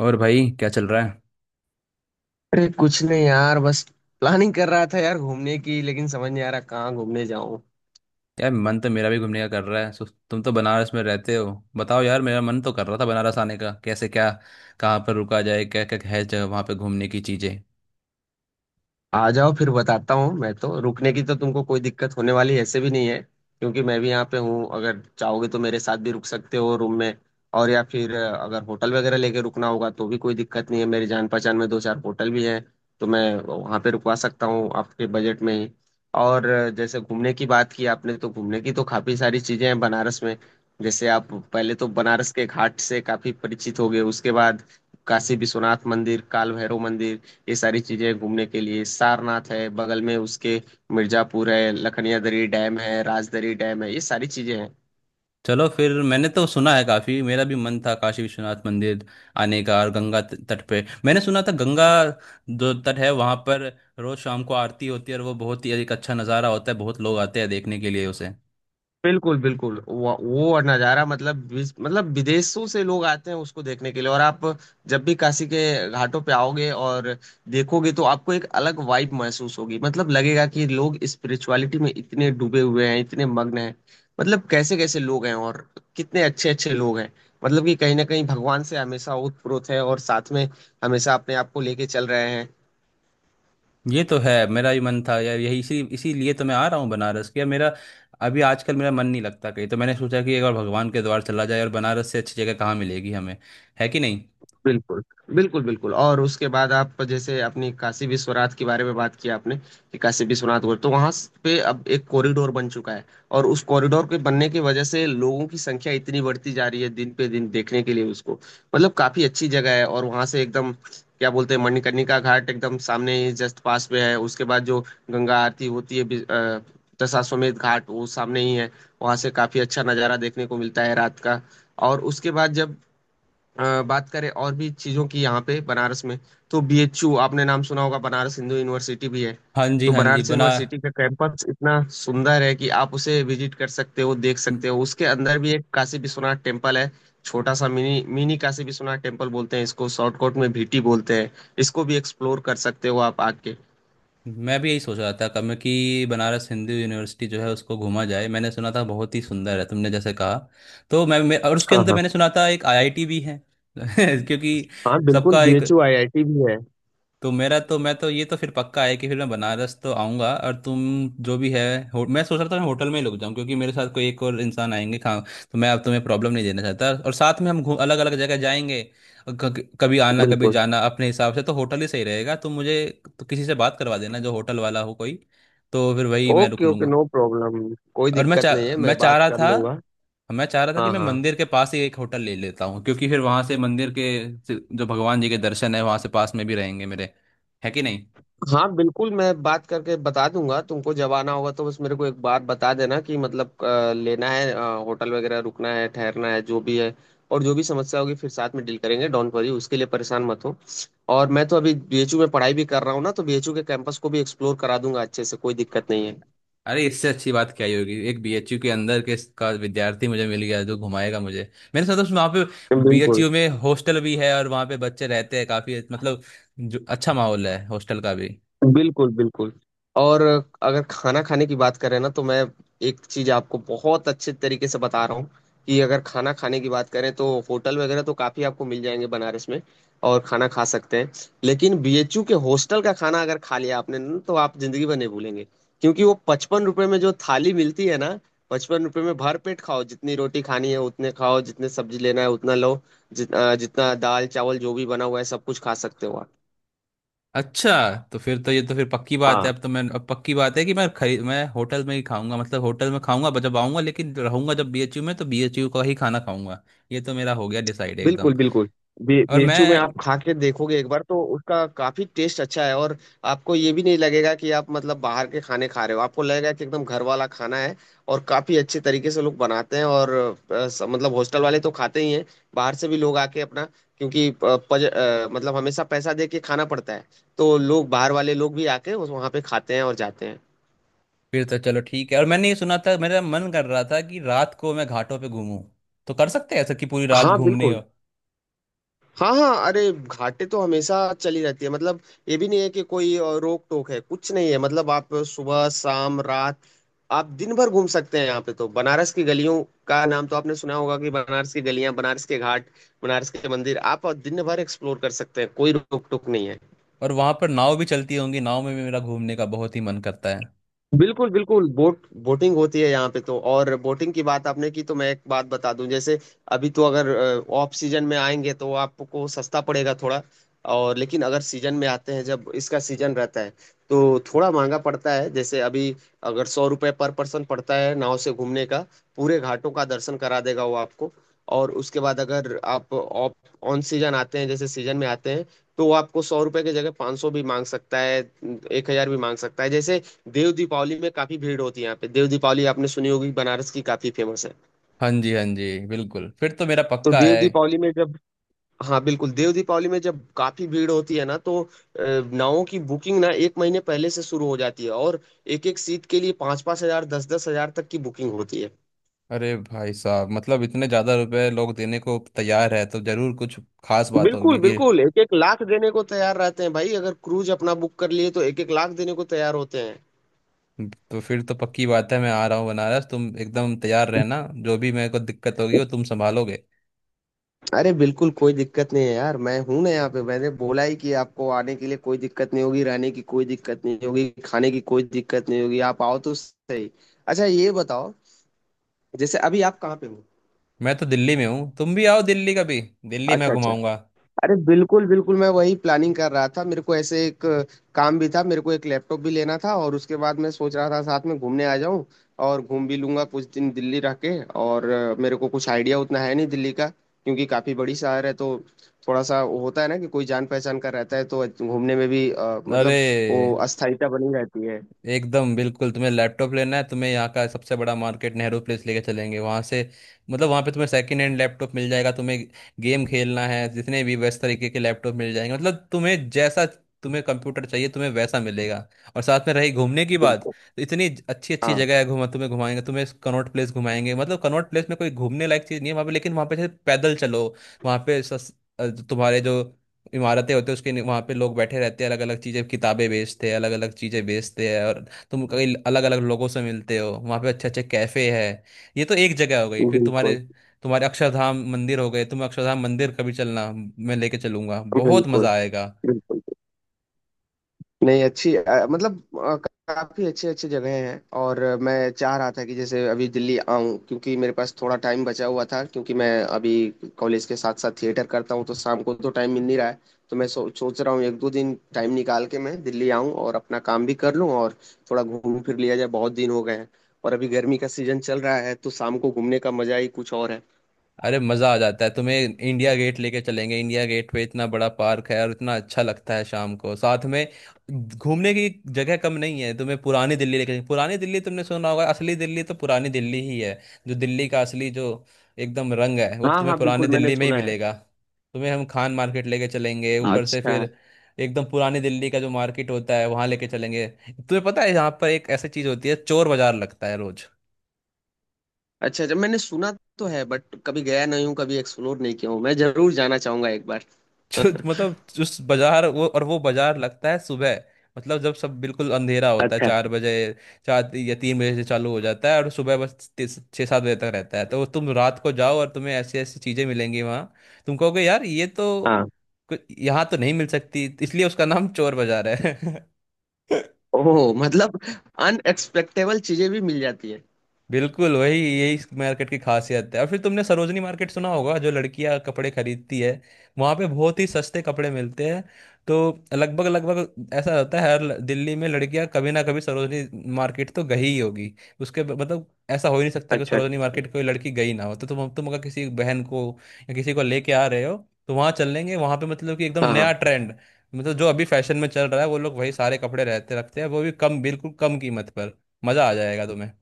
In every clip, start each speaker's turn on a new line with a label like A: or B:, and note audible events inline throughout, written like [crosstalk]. A: और भाई, क्या चल रहा है?
B: अरे कुछ नहीं यार, बस प्लानिंग कर रहा था यार घूमने की। लेकिन समझ नहीं आ रहा कहाँ घूमने जाऊं।
A: यार, मन तो मेरा भी घूमने का कर रहा है। सो तुम तो बनारस में रहते हो। बताओ यार, मेरा मन तो कर रहा था बनारस आने का। कैसे, क्या, कहाँ पर रुका जाए, क्या क्या है जगह वहाँ पे घूमने की चीज़ें?
B: आ जाओ फिर बताता हूँ। मैं तो, रुकने की तो तुमको कोई दिक्कत होने वाली ऐसे भी नहीं है, क्योंकि मैं भी यहाँ पे हूँ। अगर चाहोगे तो मेरे साथ भी रुक सकते हो रूम में। और या फिर अगर होटल वगैरह लेके रुकना होगा तो भी कोई दिक्कत नहीं है, मेरी जान पहचान में दो चार होटल भी हैं। तो मैं वहाँ पे रुकवा सकता हूँ आपके बजट में ही। और जैसे घूमने की बात की आपने, तो घूमने की तो काफ़ी सारी चीज़ें हैं बनारस में। जैसे आप पहले तो बनारस के घाट से काफ़ी परिचित हो गए। उसके बाद काशी विश्वनाथ मंदिर, काल भैरव मंदिर, ये सारी चीजें घूमने के लिए। सारनाथ है बगल में उसके। मिर्जापुर है, लखनिया दरी डैम है, राजदरी डैम है, ये सारी चीजें हैं।
A: चलो फिर, मैंने तो सुना है काफ़ी। मेरा भी मन था काशी विश्वनाथ मंदिर आने का। और गंगा तट पे मैंने सुना था, गंगा जो तट है वहाँ पर रोज़ शाम को आरती होती है, और वो बहुत ही एक अच्छा नज़ारा होता है। बहुत लोग आते हैं देखने के लिए उसे।
B: बिल्कुल बिल्कुल। वो नज़ारा, मतलब विदेशों से लोग आते हैं उसको देखने के लिए। और आप जब भी काशी के घाटों पे आओगे और देखोगे, तो आपको एक अलग वाइब महसूस होगी। मतलब लगेगा कि लोग स्पिरिचुअलिटी में इतने डूबे हुए हैं, इतने मग्न हैं। मतलब कैसे कैसे लोग हैं, और कितने अच्छे अच्छे लोग हैं। मतलब कि कहीं ना कहीं भगवान से हमेशा ओतप्रोत है, और साथ में हमेशा अपने आप को लेके चल रहे हैं।
A: ये तो है। मेरा भी मन था यार यही। इसीलिए तो मैं आ रहा हूँ बनारस के। मेरा अभी आजकल मेरा मन नहीं लगता कहीं। तो मैंने सोचा कि एक बार भगवान के द्वार चला जाए, और बनारस से अच्छी जगह कहाँ मिलेगी हमें? है कि नहीं।
B: बिल्कुल। बिल्कुल बिल्कुल। और उसके बाद आप जैसे अपनी काशी विश्वनाथ के बारे में बात किया आपने, कि काशी विश्वनाथ बोल, तो वहां पे अब एक कॉरिडोर बन चुका है। और उस कॉरिडोर के बनने की वजह से लोगों की संख्या इतनी बढ़ती जा रही है दिन पे दिन देखने के लिए उसको। मतलब काफी अच्छी जगह है। और वहां से एकदम क्या बोलते हैं, मणिकर्णिका घाट एकदम सामने ही जस्ट पास में है। उसके बाद जो गंगा आरती होती है दशाश्वमेध घाट, वो सामने ही है। वहां से काफी अच्छा नजारा देखने को मिलता है रात का। और उसके बाद जब बात करें और भी चीज़ों की यहाँ पे बनारस में, तो बीएचयू, आपने नाम सुना होगा, बनारस हिंदू यूनिवर्सिटी भी है।
A: हाँ जी,
B: तो
A: हाँ जी।
B: बनारस
A: बना
B: यूनिवर्सिटी का कैंपस इतना सुंदर है कि आप उसे विजिट कर सकते हो, देख
A: म-
B: सकते हो। उसके अंदर भी एक काशी विश्वनाथ टेम्पल है, छोटा सा mini mini Kashi Vishwanath temple बोलते हैं इसको, शॉर्टकट में भीटी बोलते हैं इसको। भी एक्सप्लोर कर सकते हो आप आके।
A: मैं भी यही सोच रहा था कब मैं, कि बनारस हिंदू यूनिवर्सिटी जो है उसको घूमा जाए। मैंने सुना था बहुत ही सुंदर है, तुमने जैसे कहा। तो मैं और उसके
B: हाँ
A: अंदर
B: हाँ।
A: मैंने सुना था एक आईआईटी भी है। [laughs] क्योंकि
B: हाँ बिल्कुल,
A: सबका एक।
B: बीएचयू आईआईटी भी है।
A: तो मेरा तो, मैं तो ये तो फिर पक्का है कि फिर मैं बनारस तो आऊंगा। और तुम जो भी है। मैं सोच रहा था मैं होटल में ही रुक जाऊं, क्योंकि मेरे साथ कोई एक और इंसान आएंगे खा तो मैं अब तुम्हें प्रॉब्लम नहीं देना चाहता। और साथ में हम घूम अलग अलग जगह जाएंगे, और कभी आना कभी
B: बिल्कुल।
A: जाना अपने हिसाब से, तो होटल ही सही रहेगा। तुम मुझे तो किसी से बात करवा देना जो होटल वाला हो कोई, तो फिर वही मैं रुक
B: ओके ओके,
A: लूंगा।
B: नो प्रॉब्लम, कोई
A: और
B: दिक्कत नहीं है, मैं बात कर लूंगा।
A: मैं चाह रहा था कि
B: हाँ
A: मैं
B: हाँ।
A: मंदिर के पास ही एक होटल ले लेता हूँ, क्योंकि फिर वहां से मंदिर के जो भगवान जी के दर्शन है, वहां से पास में भी रहेंगे मेरे। है कि नहीं।
B: हाँ बिल्कुल, मैं बात करके बता दूंगा तुमको। जब आना होगा तो बस मेरे को एक बार बता देना, कि मतलब लेना है, होटल वगैरह रुकना है, ठहरना है, जो भी है। और जो भी समस्या होगी फिर साथ में डील करेंगे, डोंट वरी, उसके लिए परेशान मत हो। और मैं तो अभी बीएचयू में पढ़ाई भी कर रहा हूँ ना, तो बीएचयू के कैंपस को भी एक्सप्लोर करा दूंगा अच्छे से, कोई दिक्कत नहीं है।
A: अरे, इससे अच्छी बात क्या ही होगी। एक बीएचयू के अंदर के का विद्यार्थी मुझे मिल गया जो घुमाएगा मुझे। मैंने सुना था उसमें, वहाँ पे
B: बिल्कुल
A: बीएचयू में हॉस्टल भी है, और वहाँ पे बच्चे रहते हैं काफी, मतलब जो अच्छा माहौल है हॉस्टल का भी।
B: बिल्कुल बिल्कुल। और अगर खाना खाने की बात करें ना, तो मैं एक चीज आपको बहुत अच्छे तरीके से बता रहा हूँ, कि अगर खाना खाने की बात करें तो होटल वगैरह तो काफी आपको मिल जाएंगे बनारस में, और खाना खा सकते हैं। लेकिन बीएचयू के हॉस्टल का खाना अगर खा लिया आपने ना, तो आप जिंदगी भर नहीं भूलेंगे। क्योंकि वो 55 रुपए में जो थाली मिलती है ना, 55 रुपए में भर पेट खाओ, जितनी रोटी खानी है उतने खाओ, जितने सब्जी लेना है उतना लो, जितना दाल चावल जो भी बना हुआ है सब कुछ खा सकते हो आप।
A: अच्छा, तो फिर तो ये तो फिर पक्की बात
B: हाँ
A: है। अब तो मैं, अब पक्की बात है कि मैं होटल में ही खाऊंगा। मतलब होटल में खाऊंगा जब आऊंगा, लेकिन रहूंगा जब बीएचयू में तो बीएचयू का ही खाना खाऊंगा। ये तो मेरा हो गया डिसाइड, एकदम।
B: बिल्कुल बिल्कुल।
A: और मैं
B: बेचू में आप खा के देखोगे एक बार, तो उसका काफी टेस्ट अच्छा है। और आपको ये भी नहीं लगेगा कि आप मतलब बाहर के खाने खा रहे हो, आपको लगेगा कि एकदम घर वाला खाना है। और काफी अच्छे तरीके से लोग बनाते हैं। और मतलब हॉस्टल वाले तो खाते ही हैं, बाहर से भी लोग आके अपना, क्योंकि मतलब हमेशा पैसा दे के खाना पड़ता है। तो लोग, बाहर वाले लोग भी आके वहाँ पे खाते हैं और जाते हैं।
A: फिर तो चलो ठीक है। और मैंने ये सुना था, मेरा मन कर रहा था कि रात को मैं घाटों पे घूमूं। तो कर सकते हैं ऐसा कि पूरी रात
B: हाँ
A: घूमने
B: बिल्कुल।
A: हो?
B: हाँ हाँ, अरे घाटे तो हमेशा चली रहती है मतलब। ये भी नहीं है कि कोई रोक टोक है, कुछ नहीं है। मतलब आप सुबह शाम रात, आप दिन भर घूम सकते हैं यहाँ पे। तो बनारस की गलियों का नाम तो आपने सुना होगा, कि बनारस की गलियां, बनारस के घाट, बनारस के मंदिर, आप दिन भर एक्सप्लोर कर सकते हैं, कोई रोक टोक नहीं है।
A: और वहां पर नाव भी चलती होंगी। नाव में भी मेरा घूमने का बहुत ही मन करता है।
B: बिल्कुल बिल्कुल। बोटिंग होती है यहाँ पे तो। और बोटिंग की बात आपने की तो मैं एक बात बता दूं। जैसे अभी तो, अगर ऑफ सीजन में आएंगे तो आपको सस्ता पड़ेगा थोड़ा। और लेकिन अगर सीजन में आते हैं, जब इसका सीजन रहता है, तो थोड़ा महंगा पड़ता है। जैसे अभी अगर 100 रुपये पर पर्सन पड़ता है नाव से घूमने का, पूरे घाटों का दर्शन करा देगा वो आपको। और उसके बाद अगर आप ऑफ ऑन सीजन आते हैं, जैसे सीजन में आते हैं, तो वो आपको 100 रुपये की जगह 500 भी मांग सकता है, 1,000 भी मांग सकता है। जैसे देव दीपावली में काफी भीड़ होती है यहाँ पे। देव दीपावली आपने सुनी होगी, बनारस की काफी फेमस है।
A: हाँ जी, हाँ जी, बिल्कुल। फिर तो मेरा
B: तो
A: पक्का
B: देव
A: है।
B: दीपावली में जब, हाँ बिल्कुल, देव दीपावली में जब काफी भीड़ होती है ना, तो नावों की बुकिंग ना एक महीने पहले से शुरू हो जाती है। और एक एक सीट के लिए 5-5 हजार, 10-10 हजार तक की बुकिंग होती है।
A: अरे भाई साहब, मतलब इतने ज्यादा रुपए लोग देने को तैयार है, तो जरूर कुछ खास बात
B: बिल्कुल
A: होगी कि।
B: बिल्कुल। एक एक लाख देने को तैयार रहते हैं भाई। अगर क्रूज अपना बुक कर लिए, तो एक एक लाख देने को तैयार होते हैं।
A: तो फिर तो पक्की बात है, मैं आ रहा हूँ बनारस। तुम एकदम तैयार रहना, जो भी मेरे को दिक्कत होगी वो तुम संभालोगे।
B: अरे बिल्कुल कोई दिक्कत नहीं है यार, मैं हूं ना यहाँ पे। मैंने बोला ही कि आपको आने के लिए कोई दिक्कत नहीं होगी, रहने की कोई दिक्कत नहीं होगी, खाने की कोई दिक्कत नहीं होगी, आप आओ तो सही। अच्छा ये बताओ, जैसे अभी आप कहाँ पे हो।
A: मैं तो दिल्ली में हूँ। तुम भी आओ दिल्ली कभी, दिल्ली मैं
B: अच्छा अच्छा।
A: घुमाऊंगा।
B: अरे बिल्कुल बिल्कुल, मैं वही प्लानिंग कर रहा था। मेरे को ऐसे एक काम भी था, मेरे को एक लैपटॉप भी लेना था। और उसके बाद मैं सोच रहा था साथ में घूमने आ जाऊं, और घूम भी लूंगा कुछ दिन दिल्ली रह के। और मेरे को कुछ आइडिया उतना है नहीं दिल्ली का, क्योंकि काफी बड़ी शहर है। तो थोड़ा सा वो होता है ना, कि कोई जान पहचान का रहता है तो घूमने में भी मतलब
A: अरे
B: वो अस्थायीता बनी रहती है।
A: एकदम बिल्कुल, तुम्हें लैपटॉप लेना है, तुम्हें यहाँ का सबसे बड़ा मार्केट नेहरू प्लेस लेके चलेंगे। वहाँ से मतलब वहाँ पे तुम्हें सेकंड हैंड लैपटॉप मिल जाएगा। तुम्हें गेम खेलना है, जितने भी वैसे तरीके के लैपटॉप मिल जाएंगे। मतलब तुम्हें जैसा तुम्हें कंप्यूटर चाहिए, तुम्हें वैसा मिलेगा। और साथ में रही घूमने की बात,
B: बिल्कुल।
A: तो इतनी अच्छी अच्छी
B: हाँ
A: जगह है घुमा, तुम्हें घुमाएंगे। तुम्हें कनॉट प्लेस घुमाएंगे। मतलब कनॉट प्लेस में कोई घूमने लायक चीज़ नहीं है वहाँ पे, लेकिन वहाँ पे जैसे पैदल चलो, वहाँ पे तुम्हारे जो इमारतें होती है उसके वहां पे लोग बैठे रहते हैं, अलग अलग चीजें किताबें बेचते हैं, अलग अलग चीजें बेचते हैं, और तुम कई अलग अलग लोगों से मिलते हो वहां पे। अच्छे अच्छे कैफे है। ये तो एक जगह हो गई। फिर तुम्हारे,
B: बिल्कुल
A: तुम्हारे अक्षरधाम मंदिर हो गए। तुम अक्षरधाम मंदिर कभी चलना, मैं लेके चलूंगा, बहुत
B: बिल्कुल।
A: मजा आएगा।
B: बिल्कुल नहीं, अच्छी, मतलब काफी अच्छी अच्छी जगह हैं। और मैं चाह रहा था कि जैसे अभी दिल्ली आऊं, क्योंकि मेरे पास थोड़ा टाइम बचा हुआ था। क्योंकि मैं अभी कॉलेज के साथ साथ थिएटर करता हूं, तो शाम को तो टाइम मिल नहीं रहा है। तो मैं सोच रहा हूँ एक दो दिन टाइम निकाल के मैं दिल्ली आऊं और अपना काम भी कर लूं, और थोड़ा घूम फिर लिया जाए, बहुत दिन हो गए हैं। और अभी गर्मी का सीजन चल रहा है, तो शाम को घूमने का मजा ही कुछ और है।
A: अरे मजा आ जाता है। तुम्हें इंडिया गेट लेके चलेंगे। इंडिया गेट पे इतना बड़ा पार्क है, और इतना अच्छा लगता है शाम को। साथ में घूमने की जगह कम नहीं है। तुम्हें पुरानी दिल्ली लेके, पुरानी दिल्ली तुमने सुना होगा, असली दिल्ली तो पुरानी दिल्ली ही है। जो दिल्ली का असली जो एकदम रंग है, वो
B: हाँ
A: तुम्हें
B: हाँ
A: पुरानी
B: बिल्कुल, मैंने
A: दिल्ली में ही
B: सुना है।
A: मिलेगा। तुम्हें हम खान मार्केट लेके चलेंगे ऊपर से,
B: अच्छा
A: फिर एकदम पुरानी दिल्ली का जो मार्केट होता है वहां लेके चलेंगे। तुम्हें पता है यहाँ पर एक ऐसी चीज होती है, चोर बाजार लगता है रोज।
B: अच्छा। अच्छा, मैंने सुना तो है, बट कभी गया नहीं हूँ, कभी एक्सप्लोर नहीं किया हूँ। मैं जरूर जाना चाहूंगा एक बार।
A: जो
B: [laughs]
A: मतलब उस बाजार, वो, और वो बाजार लगता है सुबह, मतलब जब सब बिल्कुल अंधेरा होता है,
B: अच्छा।
A: चार बजे, चार या तीन बजे से चालू हो जाता है, और सुबह बस छः सात बजे तक रहता है। तो तुम रात को जाओ, और तुम्हें ऐसी ऐसी चीज़ें मिलेंगी वहाँ, तुम कहोगे यार ये तो
B: हाँ।
A: यहाँ तो नहीं मिल सकती। इसलिए उसका नाम चोर बाजार है। [laughs]
B: ओह, मतलब अनएक्सपेक्टेबल चीजें भी मिल जाती हैं।
A: बिल्कुल वही, यही इस मार्केट की खासियत है। और फिर तुमने सरोजनी मार्केट सुना होगा, जो लड़कियां कपड़े खरीदती है, वहां पे बहुत ही सस्ते कपड़े मिलते हैं। तो लगभग लगभग ऐसा होता है, हर दिल्ली में लड़कियां कभी ना कभी सरोजनी मार्केट तो गई ही होगी। उसके मतलब ऐसा हो ही नहीं सकता कि
B: अच्छा।
A: सरोजनी मार्केट कोई लड़की गई ना हो। तो तुम, अगर किसी बहन को या किसी को लेके आ रहे हो, तो वहां चलेंगे। वहां पे मतलब कि एकदम
B: हाँ
A: नया
B: हाँ
A: ट्रेंड, मतलब जो अभी फैशन में चल रहा है वो लोग वही सारे कपड़े रहते रखते हैं, वो भी कम, बिल्कुल कम कीमत पर। मजा आ जाएगा तुम्हें।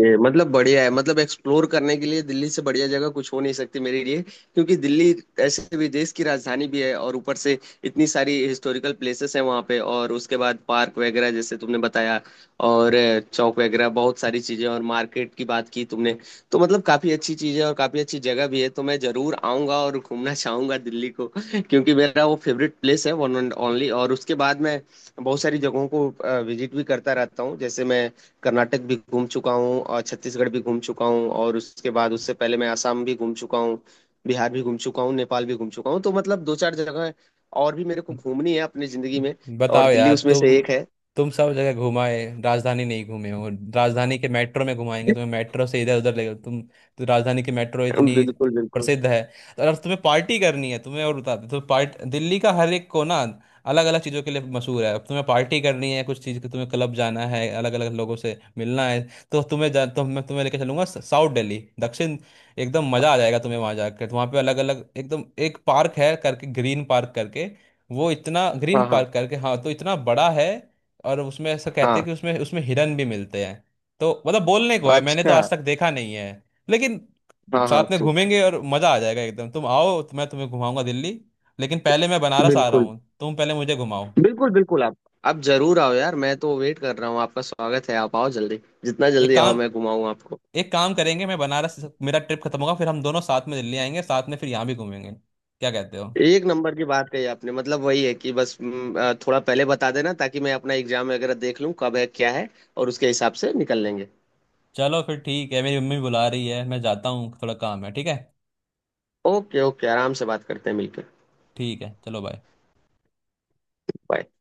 B: ये मतलब बढ़िया है, मतलब एक्सप्लोर करने के लिए दिल्ली से बढ़िया जगह कुछ हो नहीं सकती मेरे लिए। क्योंकि दिल्ली ऐसे भी देश की राजधानी भी है, और ऊपर से इतनी सारी हिस्टोरिकल प्लेसेस हैं वहाँ पे। और उसके बाद पार्क वगैरह, जैसे तुमने बताया। और चौक वगैरह बहुत सारी चीजें, और मार्केट की बात की तुमने, तो मतलब काफी अच्छी चीजें और काफी अच्छी जगह भी है। तो मैं जरूर आऊंगा और घूमना चाहूंगा दिल्ली को, क्योंकि मेरा वो फेवरेट प्लेस है, वन एंड ओनली। और उसके बाद मैं बहुत सारी जगहों को विजिट भी करता रहता हूँ। जैसे मैं कर्नाटक भी घूम चुका हूँ, और छत्तीसगढ़ भी घूम चुका हूँ। और उसके बाद, उससे पहले मैं आसाम भी घूम चुका हूँ, बिहार भी घूम चुका हूँ, नेपाल भी घूम चुका हूँ। तो मतलब दो चार जगह और भी मेरे को घूमनी है अपनी जिंदगी में। और
A: बताओ
B: दिल्ली
A: यार,
B: उसमें
A: तुम
B: से एक है।
A: तुम सब जगह घुमाए, राजधानी नहीं घूमे हो। राजधानी के मेट्रो में घुमाएंगे तुम्हें, मेट्रो से इधर उधर ले, तुम तो, राजधानी की मेट्रो इतनी
B: बिल्कुल बिल्कुल।
A: प्रसिद्ध है। तो अगर तुम्हें पार्टी करनी है तुम्हें, और बता दूं, तो पार्ट, दिल्ली का हर एक कोना अलग अलग चीज़ों के लिए मशहूर है। अब तुम्हें पार्टी करनी है कुछ चीज़ की, तुम्हें क्लब जाना है, अलग अलग लोगों से मिलना है, तो मैं तुम्हें लेकर चलूंगा साउथ दिल्ली, दक्षिण। एकदम मज़ा आ जाएगा तुम्हें वहाँ जाकर। तो वहाँ पे अलग अलग एकदम एक पार्क है करके, ग्रीन पार्क करके, वो इतना ग्रीन
B: हाँ हाँ
A: पार्क करके हाँ, तो इतना बड़ा है। और उसमें ऐसा कहते हैं
B: हाँ।
A: कि उसमें, उसमें हिरन भी मिलते हैं। तो मतलब बोलने को है, मैंने तो
B: अच्छा।
A: आज तक देखा नहीं है लेकिन।
B: हाँ हाँ
A: साथ में
B: ठीक।
A: घूमेंगे और मजा आ जाएगा एकदम। तुम आओ तो मैं तुम्हें घुमाऊंगा दिल्ली, लेकिन पहले मैं बनारस आ रहा
B: बिल्कुल
A: हूँ, तुम पहले मुझे घुमाओ।
B: बिल्कुल बिल्कुल, आप जरूर आओ यार, मैं तो वेट कर रहा हूँ, आपका स्वागत है, आप आओ जल्दी, जितना
A: एक
B: जल्दी आओ
A: काम
B: मैं घुमाऊँ आपको।
A: एक काम करेंगे। मैं बनारस मेरा ट्रिप खत्म होगा, फिर हम दोनों साथ में दिल्ली आएंगे साथ में, फिर यहाँ भी घूमेंगे। क्या कहते हो?
B: एक नंबर की बात कही आपने, मतलब वही है कि बस थोड़ा पहले बता देना, ताकि मैं अपना एग्जाम वगैरह देख लूं कब है क्या है, और उसके हिसाब से निकल लेंगे।
A: चलो फिर ठीक है, मेरी मम्मी बुला रही है, मैं जाता हूँ, थोड़ा काम है। ठीक है?
B: ओके ओके, आराम से बात करते हैं मिलकर।
A: ठीक है, चलो बाय।
B: बाय।